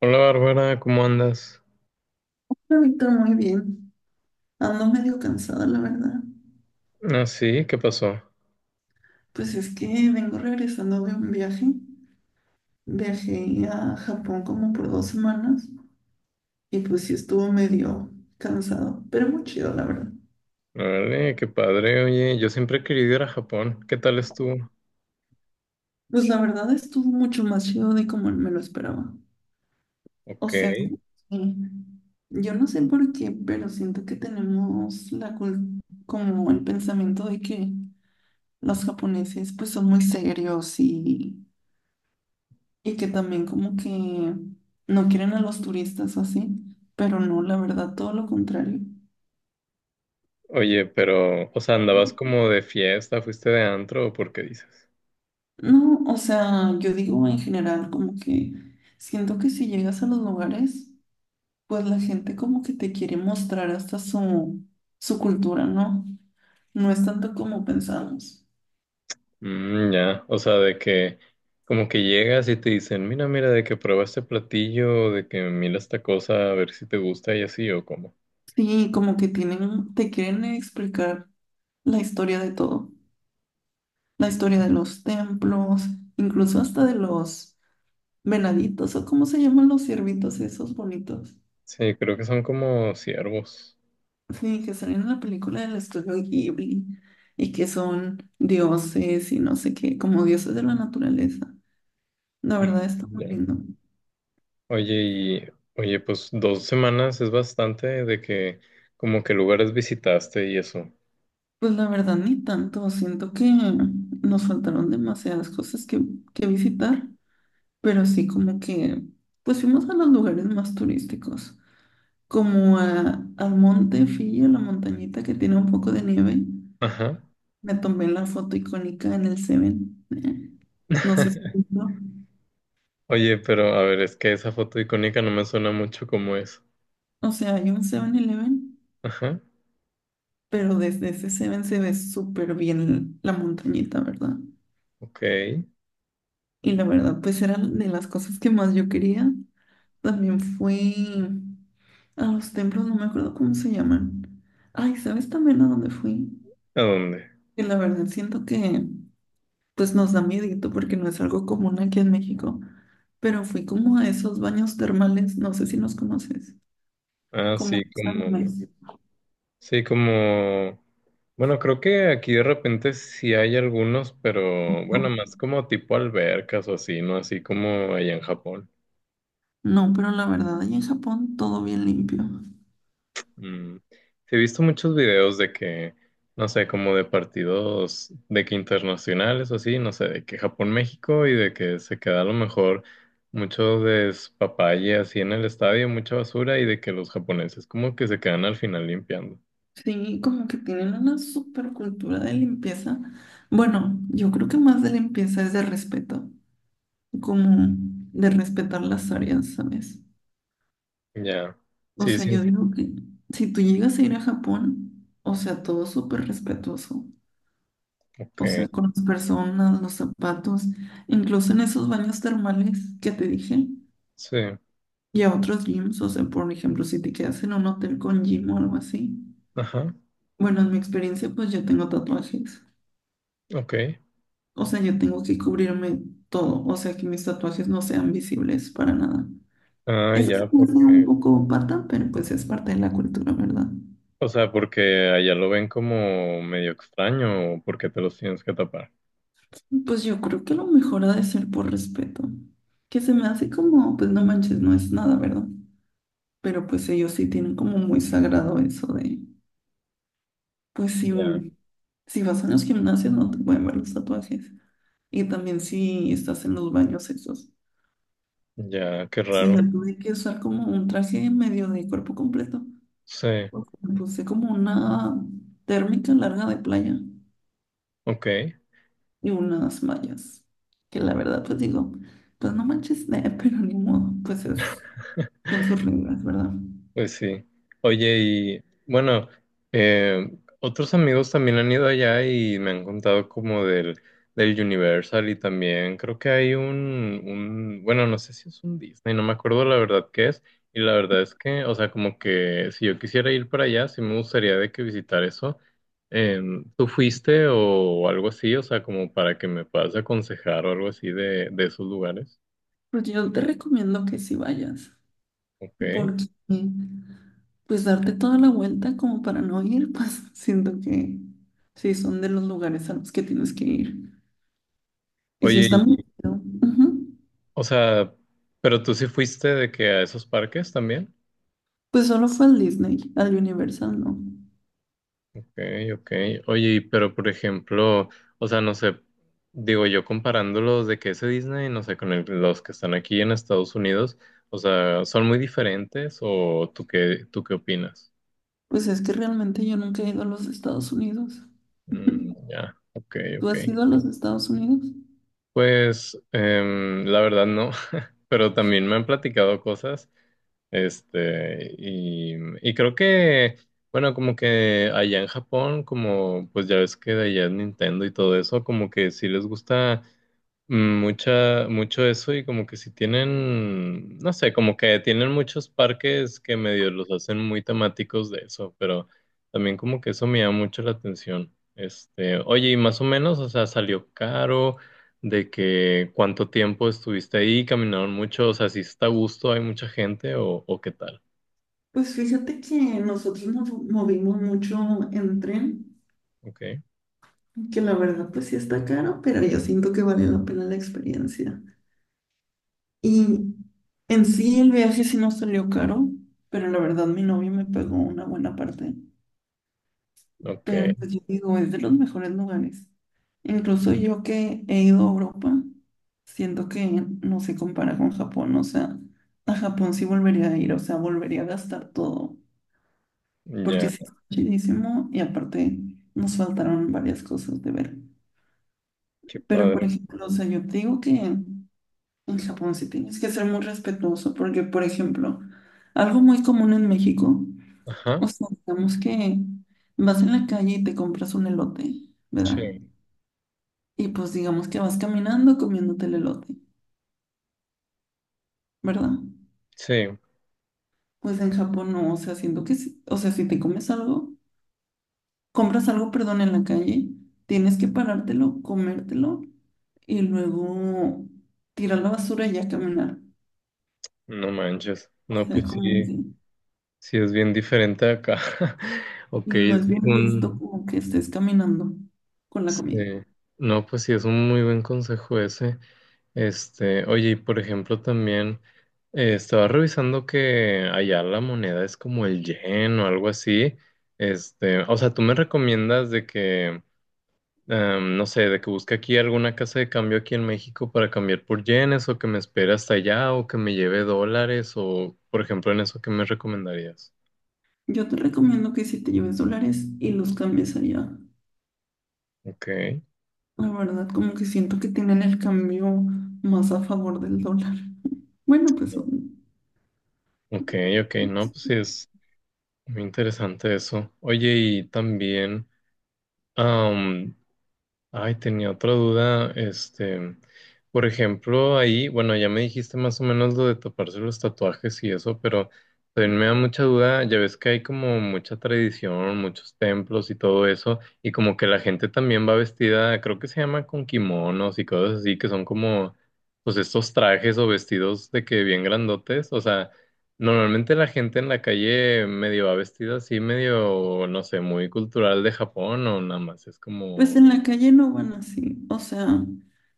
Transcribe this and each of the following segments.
Hola Bárbara, ¿cómo andas? Hola, Víctor, muy bien. Ando medio cansada, la verdad. Ah, sí, ¿qué pasó? Pues es que vengo regresando de un viaje. Viajé a Japón como por 2 semanas y pues sí estuvo medio cansado, pero muy chido, la verdad. Vale, qué padre, oye, yo siempre he querido ir a Japón, ¿qué tal estuvo? Pues la verdad estuvo mucho más chido de como me lo esperaba. O Ok, sea, como yo no sé por qué, pero siento que tenemos la como el pensamiento de que los japoneses pues son muy serios y que también como que no quieren a los turistas o así, pero no, la verdad, todo lo contrario. oye, pero, o sea, ¿andabas como de fiesta, fuiste de antro o por qué dices? No, o sea, yo digo en general como que siento que si llegas a los lugares, pues la gente como que te quiere mostrar hasta su cultura, ¿no? No es tanto como pensamos. Mm, ya, o sea, de que como que llegas y te dicen, mira, mira, de que prueba este platillo, de que mira esta cosa, a ver si te gusta y así o cómo. Sí, como que tienen, te quieren explicar la historia de todo, la historia de los templos, incluso hasta de los venaditos o cómo se llaman los ciervitos esos bonitos. Sí, creo que son como ciervos. Sí, que salen en la película del estudio Ghibli y que son dioses y no sé qué, como dioses de la naturaleza. La verdad Mm, está muy ya. lindo. Oye, y oye, pues 2 semanas es bastante de que como que lugares visitaste y eso. Pues la verdad ni tanto, siento que nos faltaron demasiadas cosas que visitar, pero sí como que pues fuimos a los lugares más turísticos, como al monte Fillo, la montañita que tiene un poco de nieve. Ajá. Me tomé la foto icónica en el Seven. No sé si visto. Oye, pero a ver, es que esa foto icónica no me suena mucho como es. O sea, hay un Seven eleven, Ajá. pero desde ese Seven se ve súper bien la montañita, ¿verdad? Ok. ¿A Y la verdad, pues era de las cosas que más yo quería. También fui a los templos, no me acuerdo cómo se llaman. Ay, ¿sabes también a dónde fui? dónde? Que la verdad siento que pues nos da miedito porque no es algo común aquí en México. Pero fui como a esos baños termales, no sé si los conoces. Ah, Como que está en México. sí, como, bueno, creo que aquí de repente sí hay algunos, pero bueno, más como tipo albercas o así, ¿no? Así como allá en Japón. No, pero la verdad, allá en Japón todo bien limpio. Mm, sí, he visto muchos videos de que, no sé, como de partidos de que internacionales o así, no sé, de que Japón-México y de que se queda a lo mejor mucho despapalle así en el estadio, mucha basura y de que los japoneses como que se quedan al final limpiando. Sí, como que tienen una super cultura de limpieza. Bueno, yo creo que más de limpieza es de respeto, como de respetar las áreas, ¿sabes? Ya, O sí, sea, sí, yo digo que si tú llegas a ir a Japón, o sea, todo súper respetuoso, ok, o sea, con las personas, los zapatos, incluso en esos baños termales que te dije. sí, Y a otros gyms, o sea, por ejemplo, si te quedas en un hotel con gym o algo así. ajá, Bueno, en mi experiencia, pues yo tengo tatuajes. ok. O sea, yo tengo que cubrirme todo. O sea, que mis tatuajes no sean visibles para nada. Ah, Eso se ya, me hace un porque, poco pata, pero pues es parte de la cultura, ¿verdad? o sea, porque allá lo ven como medio extraño o porque te los tienes que tapar. Pues yo creo que lo mejor ha de ser por respeto. Que se me hace como, pues no manches, no es nada, ¿verdad? Pero pues ellos sí tienen como muy sagrado eso de. Pues si, Ya, si vas a los gimnasios no te pueden ver los tatuajes. Y también si estás en los baños esos. ya, qué O sea, raro. yo tuve que usar como un traje medio de cuerpo completo, Sí. porque me puse como una térmica larga de playa Ok, y unas mallas. Que la verdad, pues digo, pues no manches, pero ni modo, pues son sus reglas, ¿verdad? pues sí. Oye, y bueno, eh, otros amigos también han ido allá y me han contado como del Universal y también creo que hay un, bueno, no sé si es un Disney, no me acuerdo la verdad qué es. Y la verdad es que, o sea, como que si yo quisiera ir para allá, sí me gustaría de que visitar eso. ¿Tú fuiste o algo así? O sea, como para que me puedas aconsejar o algo así de esos lugares. Pues yo te recomiendo que si vayas, Ok. porque pues darte toda la vuelta como para no ir, pues siento que sí son de los lugares a los que tienes que ir. Y si Oye, está muy chido, ujú. o sea, pero tú sí fuiste de que a esos parques también. Pues solo fue al Disney, al Universal, ¿no? Ok, ok. Oye, y pero por ejemplo, o sea, no sé, digo yo comparándolos de que ese Disney, no sé, con el- los que están aquí en Estados Unidos, o sea, ¿son muy diferentes o tú qué opinas? Pues es que realmente yo nunca he ido a los Estados Unidos. Mm, ya, ok, ¿Tú ok. has ido a los Estados Unidos? Pues la verdad no, pero también me han platicado cosas. Este, y creo que, bueno, como que allá en Japón, como pues ya ves que de allá es Nintendo y todo eso, como que sí les gusta, mucha, mucho eso y como que si tienen, no sé, como que tienen muchos parques que medio los hacen muy temáticos de eso, pero también como que eso me llama mucho la atención. Este, oye, y más o menos, o sea, salió caro, de que cuánto tiempo estuviste ahí, caminaron mucho, o sea, si está a gusto, hay mucha gente o qué tal. Pues fíjate que nosotros nos movimos mucho en tren, Ok, que la verdad pues sí está caro, pero yo siento que vale la pena la experiencia. Y en sí el viaje sí nos salió caro, pero la verdad mi novio me pagó una buena parte. ok, Pero pues yo digo, es de los mejores lugares. Incluso yo que he ido a Europa, siento que no se compara con Japón. O sea, a Japón sí volvería a ir, o sea, volvería a gastar todo, porque ya, sí es chidísimo y aparte nos faltaron varias cosas de ver. qué Pero por padre. ejemplo, o sea, yo te digo que en Japón sí tienes que ser muy respetuoso porque, por ejemplo, algo muy común en México, Ajá, o sea, digamos que vas en la calle y te compras un elote, ¿verdad? sí, Y pues digamos que vas caminando comiéndote el elote, ¿verdad? sí, Pues en Japón no, o sea, siento que, o sea, si te comes algo, compras algo, perdón, en la calle, tienes que parártelo, comértelo y luego tirar la basura y ya caminar. no manches, O no, sea, pues como sí. que. Sí, es bien diferente acá. Ok, Y no es es bien visto un... como que estés caminando con la sí. comida. No, pues sí, es un muy buen consejo ese. Este, oye, y por ejemplo, también estaba revisando que allá la moneda es como el yen o algo así. Este, o sea, ¿tú me recomiendas de que, no sé, de que busque aquí alguna casa de cambio aquí en México para cambiar por yenes o que me espere hasta allá o que me lleve dólares o, por ejemplo, en eso, ¿qué me recomendarías? Yo te recomiendo que si te lleves dólares y los cambies allá. Ok. La verdad, como que siento que tienen el cambio más a favor del dólar. Bueno, pues, Ok, ok, no, pues sí es muy interesante eso. Oye, y también, ay, tenía otra duda, este, por ejemplo, ahí, bueno, ya me dijiste más o menos lo de taparse los tatuajes y eso, pero también me da mucha duda, ya ves que hay como mucha tradición, muchos templos y todo eso, y como que la gente también va vestida, creo que se llama con kimonos y cosas así, que son como, pues estos trajes o vestidos de que bien grandotes, o sea, normalmente la gente en la calle medio va vestida así, medio, no sé, muy cultural de Japón o nada más, es pues como... en la calle no van así. O sea,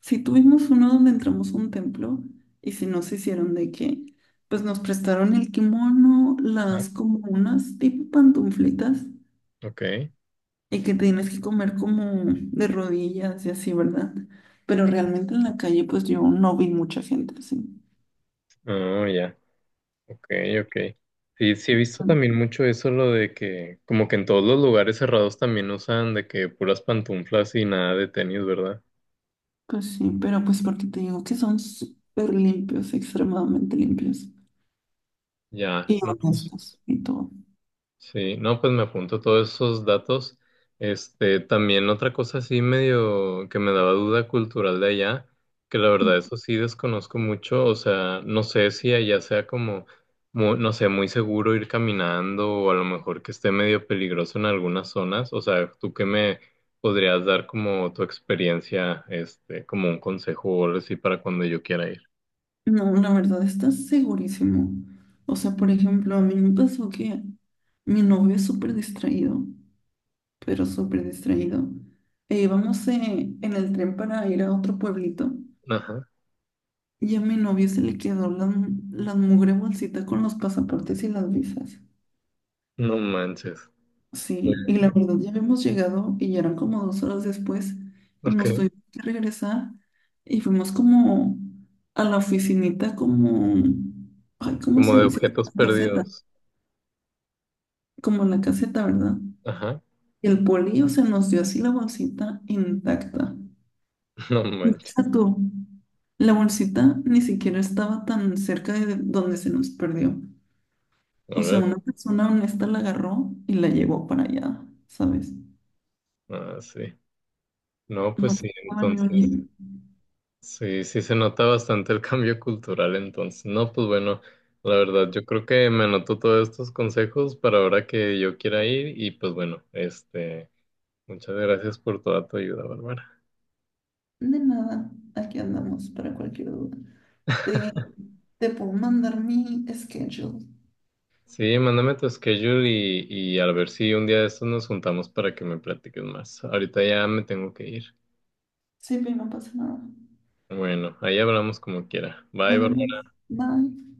si tuvimos uno donde entramos a un templo y si nos hicieron de qué, pues nos prestaron el kimono, las como unas tipo pantuflitas Ok, y que tienes que comer como de rodillas y así, ¿verdad? Pero realmente en la calle, pues yo no vi mucha gente así. oh, ya, ok, ok. Sí, sí he visto Ah, también mucho eso, lo de que como que en todos los lugares cerrados también usan de que puras pantuflas y nada de tenis, ¿verdad? pues sí, pero pues porque te digo que son súper limpios, extremadamente limpios Ya, y no, pues, honestos y todo. sí, no, pues me apunto todos esos datos. Este, también otra cosa así medio que me daba duda cultural de allá, que la verdad eso sí desconozco mucho, o sea, no sé si allá sea como, no sé, muy seguro ir caminando o a lo mejor que esté medio peligroso en algunas zonas, o sea, ¿tú qué me podrías dar como tu experiencia, este, como un consejo o algo así para cuando yo quiera ir? No, la verdad, estás segurísimo. O sea, por ejemplo, a mí me pasó que mi novio es súper distraído, pero súper distraído. E íbamos en el tren para ir a otro pueblito. Ajá, Y a mi novio se le quedó la mugre bolsita con los pasaportes y las visas. no manches. Sí, y la verdad ya habíamos llegado y ya eran como 2 horas después y nos Ok, tuvimos que regresar y fuimos como a la oficinita como, ay, ¿cómo como se de dice? Objetos perdidos. Como la caseta, ¿verdad? Ajá, Y el polillo se nos dio así la bolsita intacta. no Y manches. deja tú, la bolsita ni siquiera estaba tan cerca de donde se nos perdió. O sea, Órale. una persona honesta la agarró y la llevó para allá, ¿sabes? Ah, sí. No, pues No sí, pasaba ni entonces, un yen. sí, sí se nota bastante el cambio cultural entonces. No, pues bueno, la verdad, yo creo que me anotó todos estos consejos para ahora que yo quiera ir y pues bueno, este, muchas gracias por toda tu ayuda, Bárbara. De nada, aquí andamos para cualquier duda. Te, te puedo mandar mi schedule. Sí, mándame tu schedule y a ver si un día de estos nos juntamos para que me platiques más. Ahorita ya me tengo que ir. Sí, pero no pasa nada. Bueno, ahí hablamos como quiera. Bye, Nos Bárbara. vemos. Bye.